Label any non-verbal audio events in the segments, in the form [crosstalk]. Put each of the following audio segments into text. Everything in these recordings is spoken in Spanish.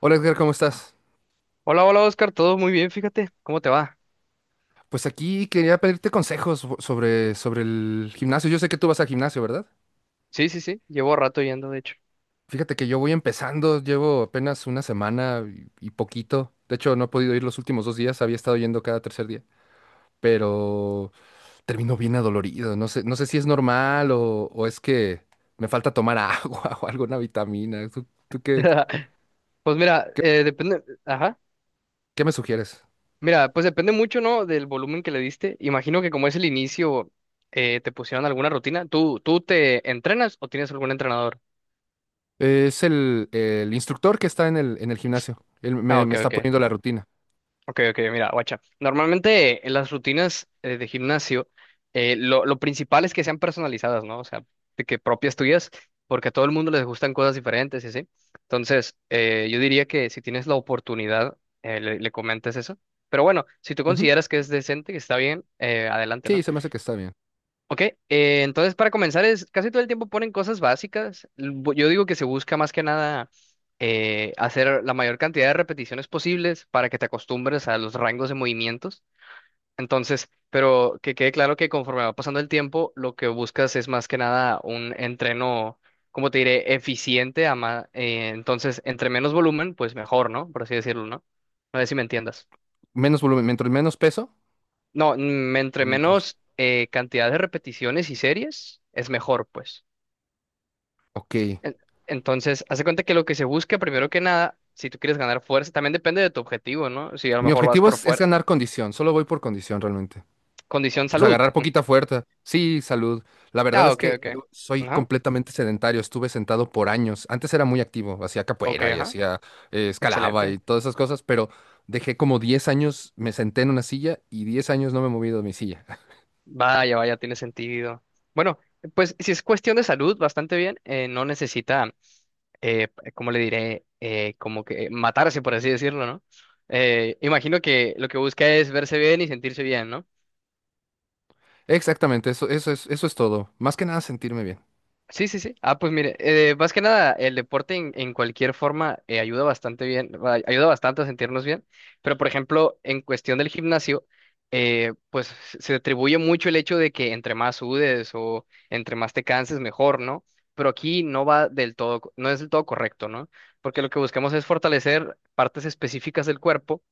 Hola Edgar, ¿cómo estás? Hola, hola Oscar, todo muy bien, fíjate, ¿cómo te va? Pues aquí quería pedirte consejos sobre el gimnasio. Yo sé que tú vas al gimnasio, ¿verdad? Sí, sí, sí, llevo rato yendo, de hecho. Fíjate que yo voy empezando, llevo apenas una semana y poquito. De hecho, no he podido ir los últimos dos días, había estado yendo cada tercer día, pero termino bien adolorido. No sé, no sé si es normal o es que me falta tomar [laughs] agua o alguna vitamina. ¿Tú, tú qué, [laughs] Pues mira, qué, depende, ajá, qué me sugieres? mira, pues depende mucho, ¿no? Del volumen que le diste. Imagino que como es el inicio, te pusieron alguna rutina. ¿Tú te entrenas o tienes algún entrenador? Es el instructor que está en el gimnasio. Él Ah, me ok, está ok. poniendo la rutina. Ok, ok, mira, guacha. Normalmente en las rutinas de gimnasio, lo principal es que sean personalizadas, ¿no? O sea, de que propias tuyas, porque a todo el mundo les gustan cosas diferentes y así. Entonces, yo diría que si tienes la oportunidad, le comentes eso. Pero bueno, si tú Ujú. consideras que es decente, que está bien, adelante, Sí, ¿no? se me hace que está bien. Ok, entonces para comenzar es casi todo el tiempo ponen cosas básicas. Yo digo que se busca más que nada hacer la mayor cantidad de repeticiones posibles para que te acostumbres a los rangos de movimientos. Entonces, pero que quede claro que conforme va pasando el tiempo, lo que buscas es más que nada un entreno, como te diré, eficiente. Entonces, entre menos volumen, pues mejor, ¿no? Por así decirlo, ¿no? No sé si me entiendas. Menos volumen, mientras menos peso No, entre o mientras. menos cantidad de repeticiones y series, es mejor, pues. Ok. En- Entonces, hace cuenta que lo que se busca, primero que nada, si tú quieres ganar fuerza, también depende de tu objetivo, ¿no? Si a lo Mi mejor vas objetivo por es fuerza. ganar condición. Solo voy por condición realmente. Condición Pues salud. agarrar Mm. poquita fuerza. Sí, salud. La verdad Ah, es ok, que ok. yo soy Ajá. completamente sedentario. Estuve sentado por años. Antes era muy activo. Hacía Ok, capoeira y ajá. hacía escalaba Excelente. y todas esas cosas, pero dejé como 10 años. Me senté en una silla y 10 años no me he movido de mi silla. Vaya, vaya, tiene sentido. Bueno, pues si es cuestión de salud, bastante bien. No necesita, ¿cómo le diré? Como que matarse, por así decirlo, ¿no? Imagino que lo que busca es verse bien y sentirse bien, ¿no? [laughs] Exactamente. Eso es todo. Más que nada sentirme bien. Sí, sí, sí. Ah, pues mire, más que nada, el deporte en cualquier forma ayuda bastante bien, ayuda bastante a sentirnos bien, pero por ejemplo, en cuestión del gimnasio, pues se atribuye mucho el hecho de que entre más sudes o entre más te canses, mejor, ¿no? Pero aquí no va del todo, no es del todo correcto, ¿no? Porque lo que buscamos es fortalecer partes específicas del cuerpo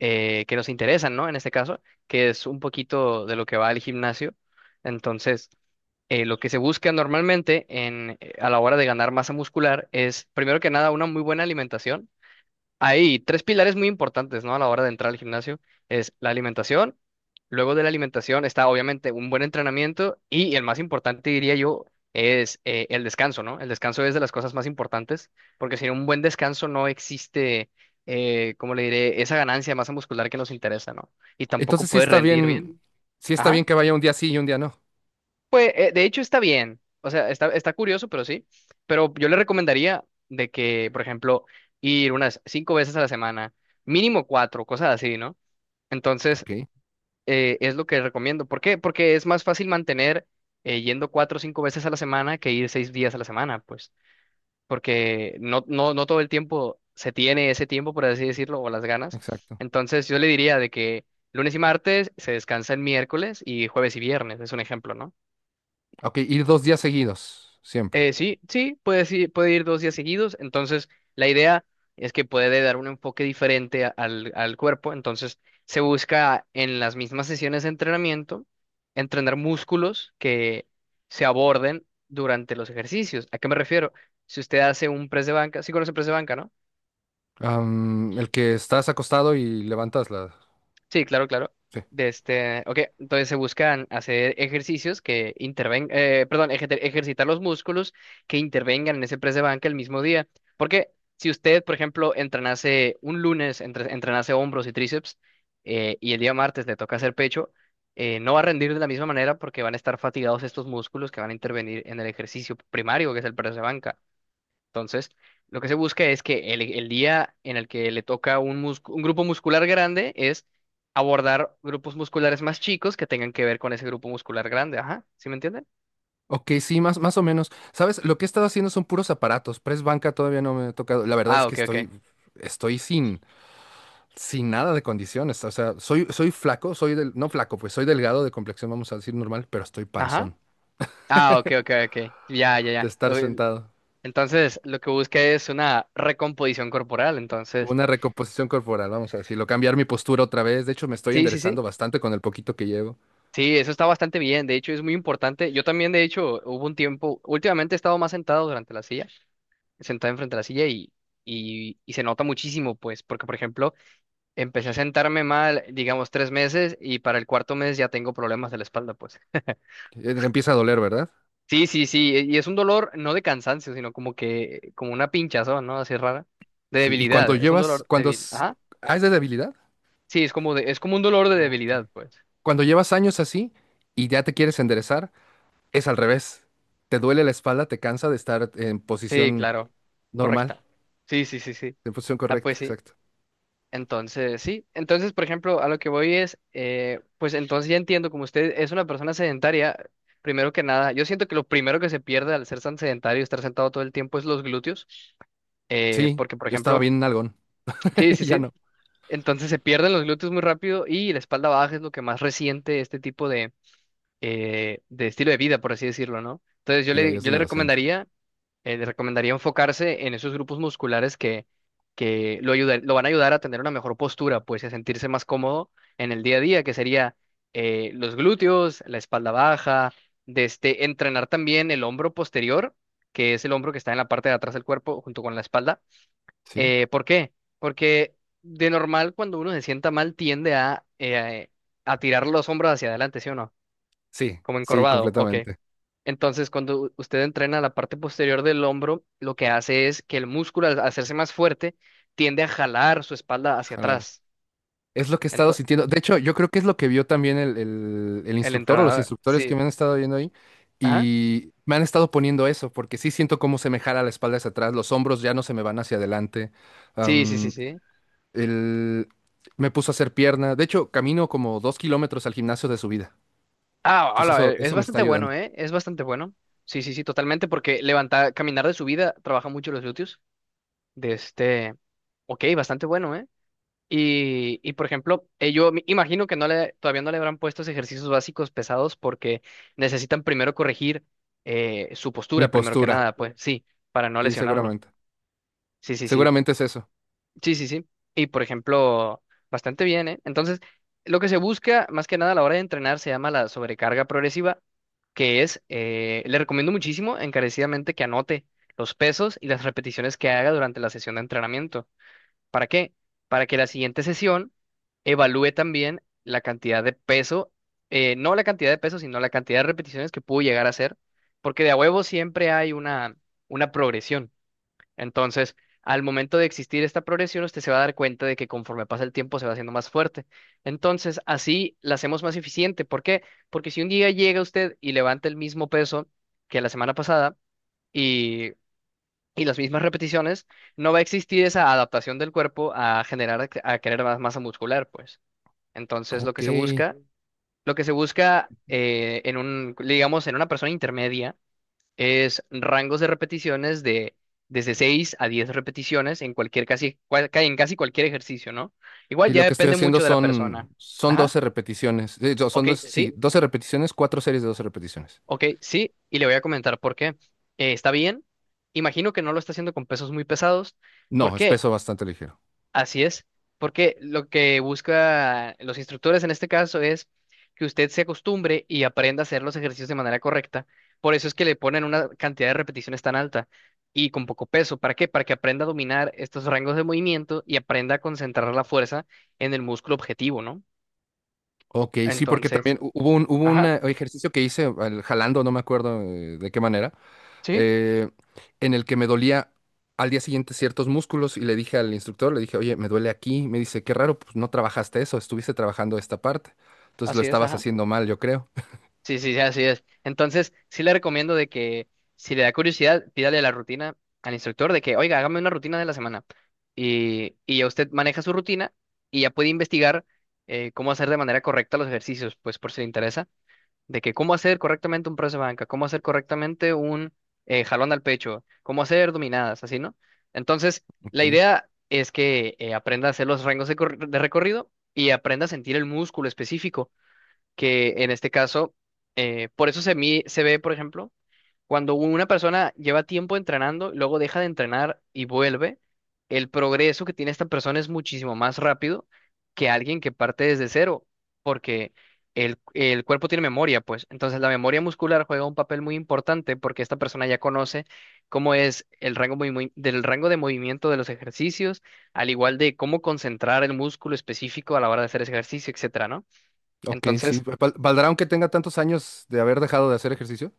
que nos interesan, ¿no? En este caso, que es un poquito de lo que va al gimnasio. Entonces lo que se busca normalmente a la hora de ganar masa muscular es, primero que nada, una muy buena alimentación. Hay tres pilares muy importantes, ¿no? A la hora de entrar al gimnasio. Es la alimentación, luego de la alimentación está obviamente un buen entrenamiento y el más importante, diría yo, es el descanso, ¿no? El descanso es de las cosas más importantes porque sin un buen descanso no existe, ¿cómo le diré?, esa ganancia de masa muscular que nos interesa, ¿no? Y tampoco Entonces sí puedes está rendir bien. bien. Sí está bien Ajá. que vaya un día sí y un día no. Pues, de hecho, está bien. O sea, está curioso, pero sí. Pero yo le recomendaría de que, por ejemplo, ir unas 5 veces a la semana, mínimo cuatro, cosas así, ¿no? Entonces, Ok. Es lo que recomiendo. ¿Por qué? Porque es más fácil mantener yendo 4 o 5 veces a la semana que ir 6 días a la semana, pues. Porque no, no, no todo el tiempo se tiene ese tiempo, por así decirlo, o las ganas. Exacto. Entonces, yo le diría de que lunes y martes se descansa el miércoles y jueves y viernes, es un ejemplo, ¿no? Ok, ir dos días seguidos, siempre. Sí, sí, puede ir 2 días seguidos. Entonces, la idea es que puede dar un enfoque diferente al cuerpo. Entonces, se busca en las mismas sesiones de entrenamiento entrenar músculos que se aborden durante los ejercicios. ¿A qué me refiero? Si usted hace un press de banca, sí conoce press de banca, ¿no? Am, el que estás acostado y levantas la... Sí, claro, claro. Sí. De este, ok, entonces se buscan hacer ejercicios que intervengan, perdón, ejercitar los músculos que intervengan en ese press de banca el mismo día. Porque si usted, por ejemplo, entrenase un lunes, entrenase hombros y tríceps, y el día martes le toca hacer pecho, no va a rendir de la misma manera porque van a estar fatigados estos músculos que van a intervenir en el ejercicio primario, que es el press de banca. Entonces, lo que se busca es que el día en el que le toca un grupo muscular grande es abordar grupos musculares más chicos que tengan que ver con ese grupo muscular grande. Ajá, ¿sí me entienden? Ok, sí, más o menos. ¿Sabes? Lo que he estado haciendo son puros aparatos. Press banca todavía no me he tocado. La verdad es Ah, que ok, estoy, ok. estoy sin, sin nada de condiciones. O sea, soy flaco, soy del... No flaco, pues soy delgado de complexión, vamos a decir normal, pero estoy Ajá. panzón Ah, ok, ok, ok. Ya, ya, de ya. estar sentado. Entonces, lo que busca es una recomposición corporal. Entonces, Una recomposición corporal, vamos a decirlo. Cambiar mi postura otra vez. De hecho, me estoy sí, sí, sí. enderezando bastante con el poquito que llevo. Sí, eso está bastante bien. De hecho, es muy importante. Yo también, de hecho, hubo un tiempo, últimamente he estado más sentado durante la silla. Sentada enfrente de la silla y se nota muchísimo, pues, porque, por ejemplo, empecé a sentarme mal, digamos, 3 meses y para el cuarto mes ya tengo problemas de la espalda, pues. Empieza a doler, ¿verdad? Sí, sí, sí, y es un dolor no de cansancio, sino como que, como una pinchazón, ¿no? Así rara, de Sí, y cuando debilidad, es un llevas, dolor cuando débil. es, Ajá. ah, es de debilidad. Sí, es como de, es como un dolor de Ok. debilidad, pues. Cuando llevas años así y ya te quieres enderezar, es al revés. Te duele la espalda, te cansa de estar en Sí, posición claro, normal, correcta. Sí, sí, sí, sí. en posición Ah, correcta, pues sí. exacto. Entonces, sí. Entonces, por ejemplo, a lo que voy es, pues entonces ya entiendo, como usted es una persona sedentaria, primero que nada, yo siento que lo primero que se pierde al ser tan sedentario y estar sentado todo el tiempo es los glúteos, Sí, porque, por yo estaba ejemplo, bien en nalgón, sí, [laughs] sí, ya sí. no. Entonces se pierden los glúteos muy rápido y la espalda baja es lo que más resiente este tipo de estilo de vida, por así decirlo, ¿no? Entonces Sí, ahí es yo donde lo siento. Le recomendaría enfocarse en esos grupos musculares que lo van a ayudar a tener una mejor postura, pues, y a sentirse más cómodo en el día a día, que sería los glúteos, la espalda baja, de este, entrenar también el hombro posterior, que es el hombro que está en la parte de atrás del cuerpo junto con la espalda. Sí, ¿Por qué? Porque de normal cuando uno se sienta mal tiende a tirar los hombros hacia adelante, ¿sí o no? sí, Como sí, encorvado, ok. completamente. Entonces, cuando usted entrena la parte posterior del hombro, lo que hace es que el músculo, al hacerse más fuerte, tiende a jalar su espalda hacia Ojalá. atrás. Es lo que he estado Entonces, sintiendo. De hecho, yo creo que es lo que vio también el el instructor o los entrenador, instructores que sí, me han estado viendo ahí. ajá, Y me han estado poniendo eso, porque sí siento cómo se me jala la espalda hacia atrás, los hombros ya no se me van hacia adelante. sí, sí, sí, am, sí. el- Me puso a hacer pierna. De hecho, camino como 2 kilómetros al gimnasio de subida. Ah, Entonces hola, eso, es eso me está bastante ayudando. bueno, ¿eh? Es bastante bueno. Sí, sí, sí, totalmente, porque levantar, caminar de subida trabaja mucho los glúteos. De este, ok, bastante bueno, ¿eh? Por ejemplo, yo me imagino que no le, todavía no le habrán puesto esos ejercicios básicos pesados porque necesitan primero corregir su Mi postura, primero que postura, nada, pues sí, para no sí, lesionarlo. seguramente. Sí, sí, sí. Seguramente es eso. Sí, sí, sí. Y por ejemplo, bastante bien, ¿eh? Entonces, lo que se busca más que nada a la hora de entrenar se llama la sobrecarga progresiva, que es, le recomiendo muchísimo encarecidamente que anote los pesos y las repeticiones que haga durante la sesión de entrenamiento. ¿Para qué? Para que la siguiente sesión evalúe también la cantidad de peso, no la cantidad de peso, sino la cantidad de repeticiones que pudo llegar a hacer, porque de a huevo siempre hay una progresión. Entonces, al momento de existir esta progresión, usted se va a dar cuenta de que conforme pasa el tiempo se va haciendo más fuerte. Entonces, así la hacemos más eficiente. ¿Por qué? Porque si un día llega usted y levanta el mismo peso que la semana pasada, y y las mismas repeticiones, no va a existir esa adaptación del cuerpo a generar, a querer más masa muscular, pues. Entonces, Ok. Y lo que se busca en un, digamos, en una persona intermedia es rangos de repeticiones de desde 6 a 10 repeticiones en cualquier casi, cual- ca- en casi cualquier ejercicio, ¿no? Igual ya lo que estoy depende haciendo mucho de la son, persona. son Ajá, 12 repeticiones. Eh, yo- Son ok, dos, sí, sí, 12 repeticiones, cuatro series de 12 repeticiones. ok, sí, y le voy a comentar por qué. Está bien, imagino que no lo está haciendo con pesos muy pesados. No, Por es qué. peso bastante ligero. Así es, porque lo que busca los instructores en este caso es que usted se acostumbre y aprenda a hacer los ejercicios de manera correcta. Por eso es que le ponen una cantidad de repeticiones tan alta y con poco peso. ¿Para qué? Para que aprenda a dominar estos rangos de movimiento y aprenda a concentrar la fuerza en el músculo objetivo, ¿no? Ok, sí, porque Entonces, también hu- hubo un, hubo un ajá, eh, ejercicio que hice jalando, no me acuerdo de qué manera, sí, eh, en el que me dolía al día siguiente ciertos músculos y le dije al instructor, le dije, oye, me duele aquí. Me dice, qué raro, pues no trabajaste eso, estuviste trabajando esta parte. Entonces lo así es, estabas ajá. haciendo mal, yo creo. Sí, sí, sí, así es. Entonces, sí le recomiendo de que si le da curiosidad, pídale la rutina al instructor de que, oiga, hágame una rutina de la semana. Y ya usted maneja su rutina y ya puede investigar cómo hacer de manera correcta los ejercicios, pues por si le interesa, de que cómo hacer correctamente un press de banca, cómo hacer correctamente un jalón al pecho, cómo hacer dominadas, así, ¿no? Entonces, Ok, la idea es que aprenda a hacer los rangos de recorrido y aprenda a sentir el músculo específico que en este caso, por eso se ve, por ejemplo, cuando una persona lleva tiempo entrenando, luego deja de entrenar y vuelve, el progreso que tiene esta persona es muchísimo más rápido que alguien que parte desde cero, porque el cuerpo tiene memoria, pues. Entonces la memoria muscular juega un papel muy importante porque esta persona ya conoce cómo es el rango del rango de movimiento de los ejercicios, al igual de cómo concentrar el músculo específico a la hora de hacer ese ejercicio, etcétera, ¿no? ok, sí. Entonces, ¿Valdrá aunque tenga tantos años de haber dejado de hacer ejercicio?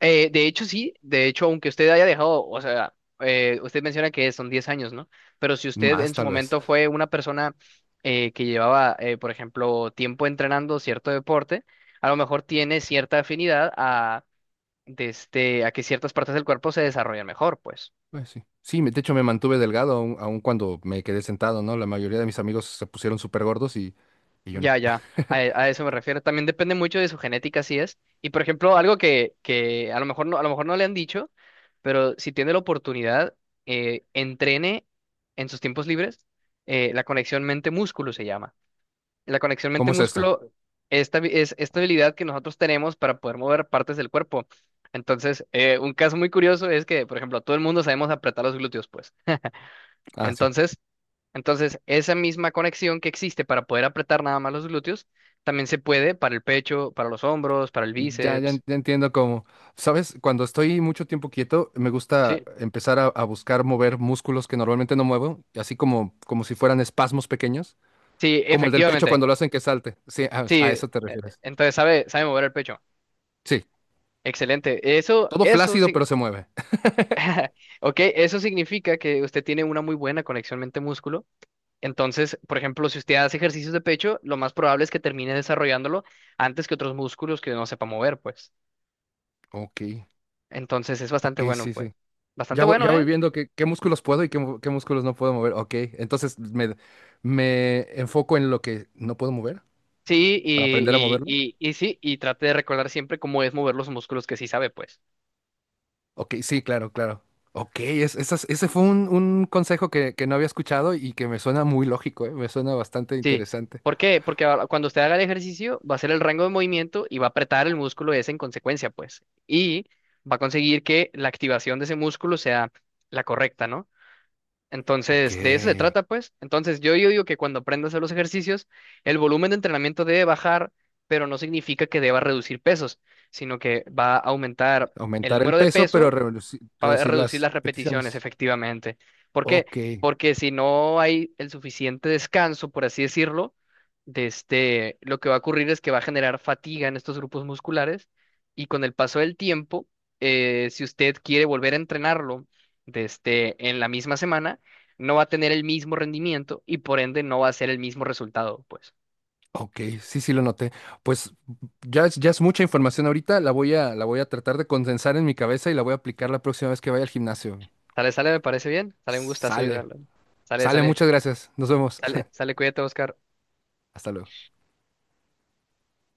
De hecho, sí, de hecho, aunque usted haya dejado, o sea, usted menciona que son 10 años, ¿no? Pero si usted en Más, su tal vez. momento fue una persona que llevaba, por ejemplo, tiempo entrenando cierto deporte, a lo mejor tiene cierta afinidad a, de este, a que ciertas partes del cuerpo se desarrollen mejor, pues. Pues sí. Sí, de hecho me mantuve delgado aun cuando me quedé sentado, ¿no? La mayoría de mis amigos se pusieron súper gordos y yo no. A eso me refiero. También depende mucho de su genética, así es. Y por ejemplo, algo que a lo mejor no, a lo mejor no le han dicho, pero si tiene la oportunidad, entrene en sus tiempos libres, la conexión mente-músculo se llama. La conexión ¿Cómo es esto? mente-músculo es esta habilidad que nosotros tenemos para poder mover partes del cuerpo. Entonces, un caso muy curioso es que, por ejemplo, todo el mundo sabemos apretar los glúteos, pues. Ah, sí. Entonces, entonces, esa misma conexión que existe para poder apretar nada más los glúteos, también se puede para el pecho, para los hombros, para el bíceps. Ya entiendo cómo. ¿Sabes? Cuando estoy mucho tiempo quieto, me gusta Sí, empezar a buscar mover músculos que normalmente no muevo, así como, como si fueran espasmos pequeños, sí, como el del pecho efectivamente. cuando lo hacen que salte. Sí, a, Sí, a eso te refieres. entonces sabe mover el pecho. Sí, Excelente. Eso, todo eso flácido sí. pero se mueve. [laughs] [laughs] Ok, eso significa que usted tiene una muy buena conexión mente-músculo. Entonces, por ejemplo, si usted hace ejercicios de pecho, lo más probable es que termine desarrollándolo antes que otros músculos que no sepa mover, pues. Ok, Entonces, es ok, bastante bueno, sí, pues. sí. Bastante bueno, Ya voy ¿eh? viendo qué, qué músculos puedo y qué, qué músculos no puedo mover. Ok, entonces me enfoco en lo que no puedo mover Sí, para aprender a y, y, moverlo. y, y sí, y trate de recordar siempre cómo es mover los músculos que sí sabe, pues. Ok, sí, claro, claro. Ok, ese fue un consejo que no había escuchado y que me suena muy lógico, ¿eh? Me suena bastante Sí. interesante. ¿Por qué? Porque ahora cuando usted haga el ejercicio, va a hacer el rango de movimiento y va a apretar el músculo ese en consecuencia, pues. Y va a conseguir que la activación de ese músculo sea la correcta, ¿no? Ok, Entonces, de eso se trata, pues. Entonces, yo digo que cuando aprenda a hacer los ejercicios, el volumen de entrenamiento debe bajar, pero no significa que deba reducir pesos, sino que va a aumentar el aumentar el número de peso, pero peso. Para reducir reducir las las repeticiones, repeticiones. efectivamente. ¿Por qué? Ok, Porque si no hay el suficiente descanso, por así decirlo, de este, lo que va a ocurrir es que va a generar fatiga en estos grupos musculares y con el paso del tiempo, si usted quiere volver a entrenarlo de este, en la misma semana, no va a tener el mismo rendimiento y por ende no va a ser el mismo resultado, pues. Ok, sí, sí lo noté. Pues ya es mucha información ahorita, la voy a tratar de condensar en mi cabeza y la voy a aplicar la próxima vez que vaya al gimnasio. Sale, sale, me parece bien. Sale un gustazo Sale, ayudarlo. Sale, sale, sale, muchas gracias. Nos vemos. Cuídate, Oscar. [laughs] Hasta luego.